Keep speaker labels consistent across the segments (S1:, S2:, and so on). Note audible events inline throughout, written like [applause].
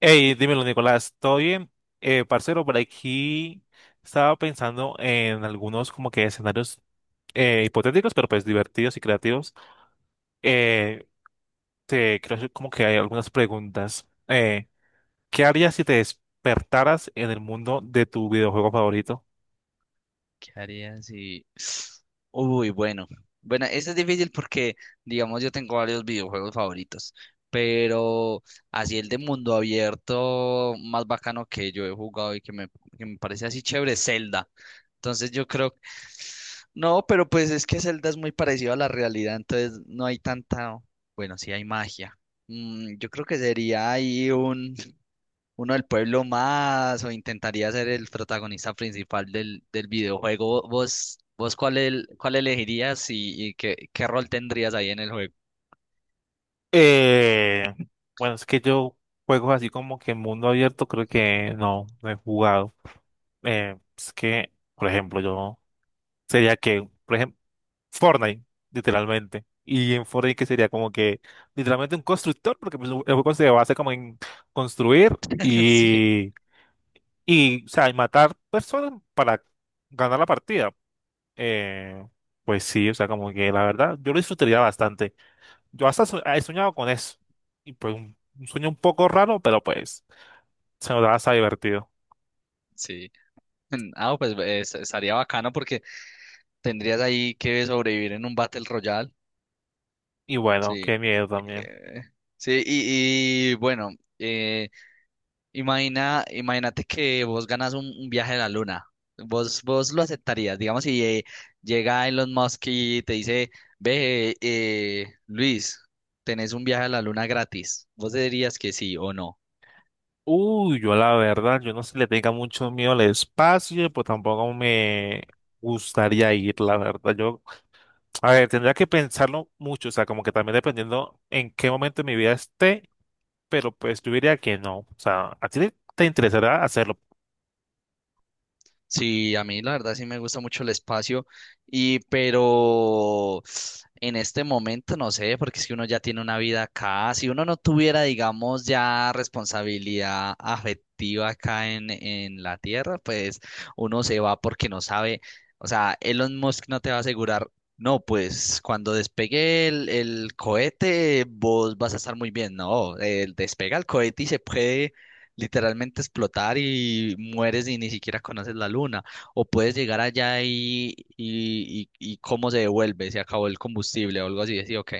S1: Hey, dímelo, Nicolás, ¿todo bien? Parcero, por aquí estaba pensando en algunos como que escenarios hipotéticos, pero pues divertidos y creativos. Eh, Te creo que como que hay algunas preguntas. ¿Qué harías si te despertaras en el mundo de tu videojuego favorito?
S2: ¿Qué haría si... bueno. Bueno, este es difícil porque, digamos, yo tengo varios videojuegos favoritos, pero así el de mundo abierto más bacano que yo he jugado y que me parece así chévere, Zelda. Entonces yo creo, no, pero pues es que Zelda es muy parecido a la realidad, entonces no hay tanta, bueno, sí hay magia. Yo creo que sería ahí un uno del pueblo, más o intentaría ser el protagonista principal del videojuego. ¿Vos cuál, cuál elegirías y qué rol tendrías ahí en el juego?
S1: Eh, bueno, es que yo juegos así como que en mundo abierto creo que no, no he jugado. Es que, por ejemplo, yo sería que, por ejemplo, Fortnite, literalmente. Y en Fortnite que sería como que, literalmente un constructor, porque pues, el juego se basa como en construir
S2: [laughs] Sí,
S1: y, o sea, y matar personas para ganar la partida. Eh, pues sí, o sea, como que la verdad, yo lo disfrutaría bastante. Yo hasta he soñado con eso. Y pues un sueño un poco raro, pero pues se nos da hasta divertido.
S2: sí. Ah, pues es- estaría bacano porque tendrías ahí que sobrevivir en un Battle Royale.
S1: Y bueno,
S2: Sí.
S1: qué miedo también.
S2: Eh, sí, y bueno. eh, Imagínate que vos ganas un viaje a la luna. Vos lo aceptarías, digamos, si llega Elon Musk y te dice, ve, Luis, tenés un viaje a la luna gratis. ¿Vos dirías que sí o no?
S1: Uy, yo la verdad, yo no sé si le tenga mucho miedo al espacio, pues tampoco me gustaría ir, la verdad. Yo, a ver, tendría que pensarlo mucho, o sea, como que también dependiendo en qué momento de mi vida esté, pero pues yo diría que no. O sea, ¿a ti te interesará hacerlo?
S2: Sí, a mí la verdad sí me gusta mucho el espacio y pero en este momento no sé, porque es que uno ya tiene una vida acá. Si uno no tuviera, digamos, ya responsabilidad afectiva acá en la tierra, pues uno se va porque no sabe, o sea, Elon Musk no te va a asegurar, no, pues cuando despegue el cohete vos vas a estar muy bien, no, él despega el cohete y se puede literalmente explotar y mueres y ni siquiera conoces la luna. O puedes llegar allá y cómo se devuelve, se acabó el combustible o algo así. Sí, ok.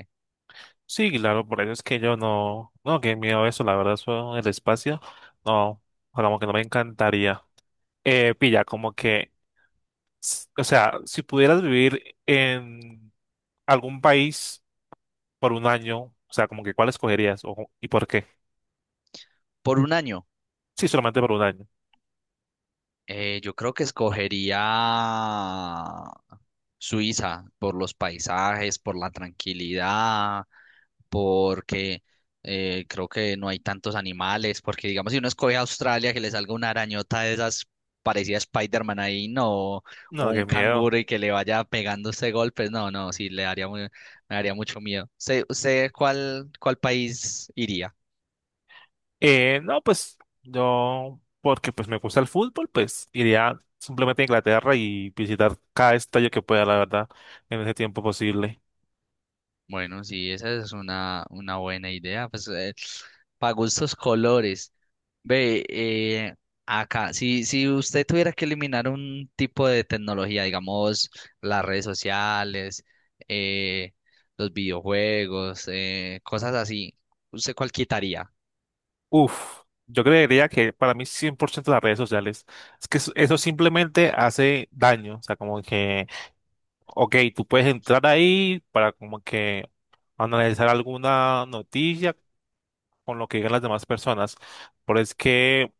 S1: Sí, claro, por eso es que yo no, no, qué miedo eso, la verdad, eso, el espacio, no, como que no me encantaría. Pilla, como que, o sea, si pudieras vivir en algún país por un año, o sea, como que cuál escogerías o, y por qué.
S2: Por un año,
S1: Sí, solamente por un año.
S2: yo creo que escogería Suiza, por los paisajes, por la tranquilidad, porque creo que no hay tantos animales, porque digamos, si uno escoge a Australia, que le salga una arañota de esas parecida a Spider-Man ahí, no, o
S1: No, qué
S2: un
S1: miedo.
S2: canguro y que le vaya pegando este golpe, no, no, sí, le daría, mu- me daría mucho miedo. ¿Usted cuál, cuál país iría?
S1: No, pues yo, porque pues me gusta el fútbol, pues iría simplemente a Inglaterra y visitar cada estadio que pueda, la verdad, en ese tiempo posible.
S2: Bueno, sí, esa es una buena idea. Pues para gustos colores. Ve, acá, si usted tuviera que eliminar un tipo de tecnología, digamos, las redes sociales, eh, los videojuegos, cosas así, ¿usted cuál quitaría?
S1: Uf, yo creería que para mí 100% las redes sociales, es que eso simplemente hace daño, o sea, como que, ok, tú puedes entrar ahí para como que analizar alguna noticia con lo que digan las demás personas, pero es que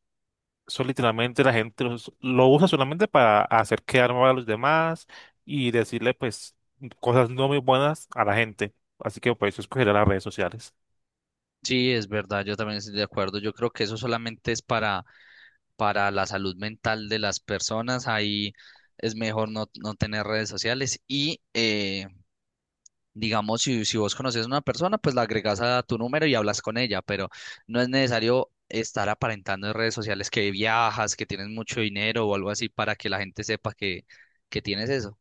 S1: eso literalmente la gente lo usa solamente para hacer quedar mal a los demás y decirle pues cosas no muy buenas a la gente. Así que por eso escogeré las redes sociales.
S2: Sí, es verdad, yo también estoy de acuerdo. Yo creo que eso solamente es para la salud mental de las personas. Ahí es mejor no, no tener redes sociales y digamos, si vos conoces a una persona, pues la agregas a tu número y hablas con ella, pero no es necesario estar aparentando en redes sociales que viajas, que tienes mucho dinero o algo así para que la gente sepa que tienes eso.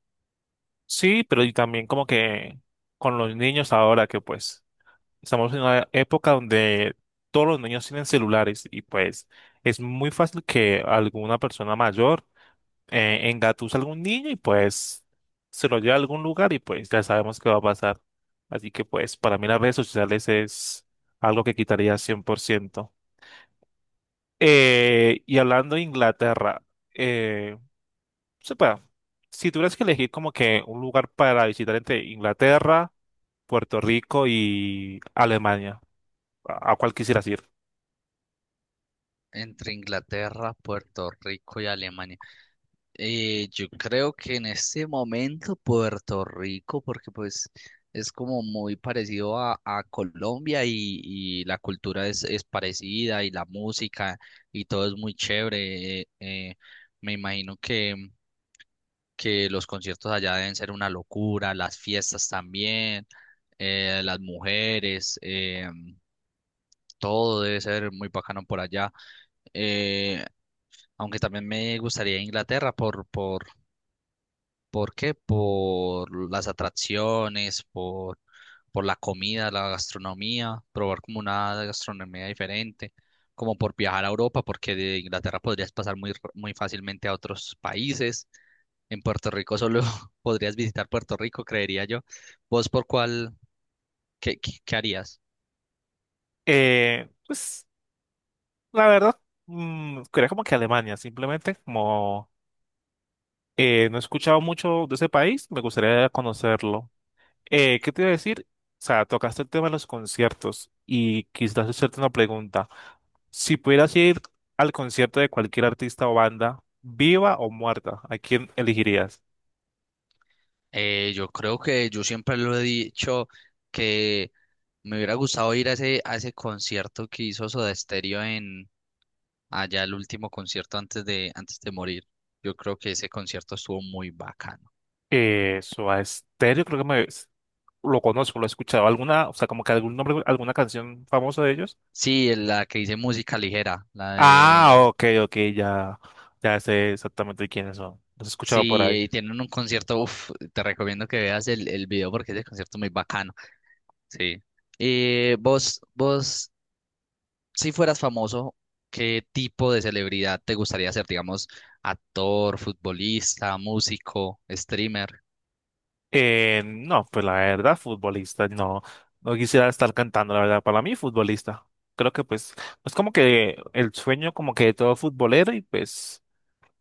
S1: Sí, pero y también como que con los niños ahora que pues estamos en una época donde todos los niños tienen celulares y pues es muy fácil que alguna persona mayor engatusa a algún niño y pues se lo lleva a algún lugar y pues ya sabemos qué va a pasar. Así que pues para mí las redes sociales es algo que quitaría 100%. Y hablando de Inglaterra, eh, sepa, si tuvieras que elegir como que un lugar para visitar entre Inglaterra, Puerto Rico y Alemania, a cuál quisieras ir?
S2: Entre Inglaterra, Puerto Rico y Alemania. Yo creo que en este momento Puerto Rico, porque pues es como muy parecido a Colombia y la cultura es parecida y la música y todo es muy chévere. Me imagino que los conciertos allá deben ser una locura, las fiestas también, las mujeres, todo debe ser muy bacano por allá. Eh, Aunque también me gustaría Inglaterra ¿por qué? Por las atracciones, por la comida, la gastronomía, probar como una gastronomía diferente, como por viajar a Europa, porque de Inglaterra podrías pasar muy, r- muy fácilmente a otros países. En Puerto Rico solo [laughs] podrías visitar Puerto Rico, creería yo. ¿Vos por cuál, qué harías?
S1: Pues la verdad, mm, quería como que Alemania, simplemente como. No he escuchado mucho de ese país, me gustaría conocerlo. ¿Qué te iba a decir? O sea, tocaste el tema de los conciertos y quizás hacerte una pregunta. Si pudieras ir al concierto de cualquier artista o banda, viva o muerta, ¿a quién elegirías?
S2: Yo creo que yo siempre lo he dicho que me hubiera gustado ir a ese concierto que hizo Soda Stereo en allá, el último concierto antes de morir. Yo creo que ese concierto estuvo muy bacano.
S1: Soda Stereo, creo que me, lo conozco, lo he escuchado. ¿Alguna, o sea, como que algún nombre, alguna canción famosa de ellos?
S2: Sí, la que dice música ligera, la
S1: Ah,
S2: de...
S1: ok, ok, ya, ya sé exactamente quiénes son. Los he escuchado por
S2: Sí,
S1: ahí.
S2: tienen un concierto, uf, te recomiendo que veas el video porque ese concierto es muy bacano. Sí. Eh, vos, vos, si fueras famoso, ¿qué tipo de celebridad te gustaría ser? Digamos, actor, futbolista, músico, streamer.
S1: No, pues la verdad, futbolista, no, no quisiera estar cantando, la verdad, para mí futbolista. Creo que pues es como que el sueño como que de todo futbolero y pues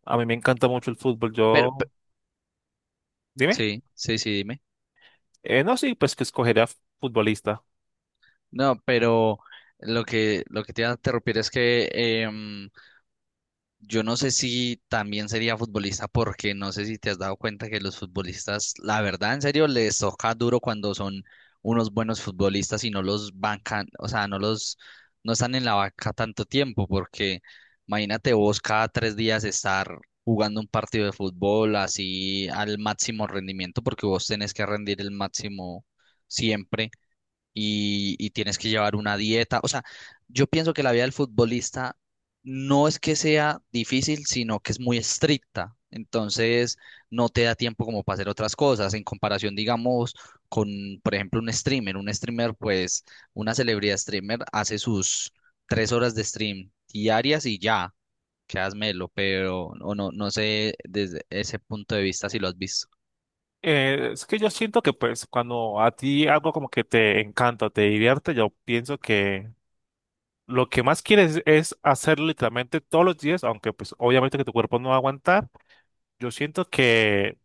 S1: a mí me encanta mucho el fútbol.
S2: Pero, pe-
S1: Yo, dime,
S2: sí, sí, sí, dime.
S1: no, sí, pues que escogería futbolista.
S2: No, pero lo que te iba a interrumpir es que yo no sé si también sería futbolista, porque no sé si te has dado cuenta que los futbolistas, la verdad, en serio, les toca duro cuando son unos buenos futbolistas y no los bancan, o sea, no los, no están en la banca tanto tiempo, porque imagínate vos cada 3 días estar jugando un partido de fútbol así al máximo rendimiento, porque vos tenés que rendir el máximo siempre y tienes que llevar una dieta. O sea, yo pienso que la vida del futbolista no es que sea difícil, sino que es muy estricta. Entonces, no te da tiempo como para hacer otras cosas. En comparación, digamos, con, por ejemplo, un streamer. Un streamer, pues, una celebridad streamer hace sus 3 horas de stream diarias y ya, quedas melo, pero o no, no sé desde ese punto de vista si lo has visto.
S1: Es que yo siento que pues cuando a ti algo como que te encanta, te divierte, yo pienso que lo que más quieres es hacerlo literalmente todos los días, aunque pues obviamente que tu cuerpo no va a aguantar. Yo siento que.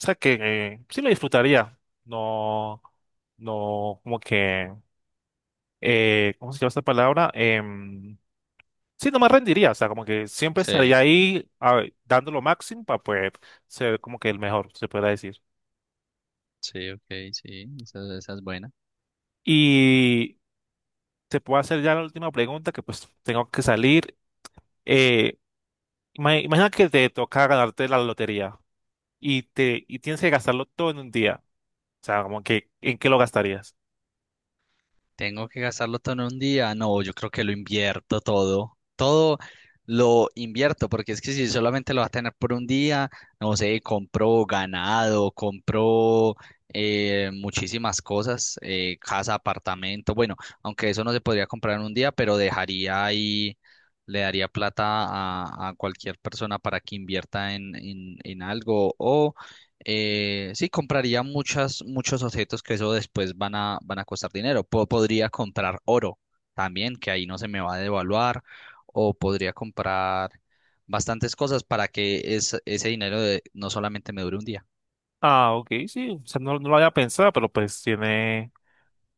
S1: O sea que sí lo disfrutaría. No, no, como que, ¿cómo se llama esta palabra? Sí, no me rendiría. O sea, como que siempre
S2: Sí,
S1: estaría ahí dando lo máximo para poder ser como que el mejor, se puede decir.
S2: sí, ok, sí, esa es buena.
S1: Y te puedo hacer ya la última pregunta, que pues tengo que salir. Eh, Imagina que te toca ganarte la lotería y tienes que gastarlo todo en un día. O sea, como que, ¿en qué lo gastarías?
S2: Tengo que gastarlo todo en un día. No, yo creo que lo invierto todo. Todo lo invierto, porque es que si solamente lo vas a tener por un día, no sé, compro ganado, compro muchísimas cosas, casa, apartamento. Bueno, aunque eso no se podría comprar en un día, pero dejaría ahí, le daría plata a cualquier persona para que invierta en algo o sí, compraría muchas, muchos objetos que eso después van a, van a costar dinero. Po- podría comprar oro también, que ahí no se me va a devaluar, o podría comprar bastantes cosas para que es- ese dinero de- no solamente me dure un día.
S1: Ah, ok, sí. O sea, no, no lo había pensado, pero pues tiene.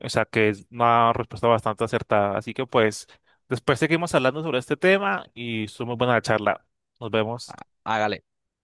S1: O sea que es una respuesta bastante acertada. Así que pues, después seguimos hablando sobre este tema y estuvo muy buena la charla. Nos
S2: Ah,
S1: vemos.
S2: hágale.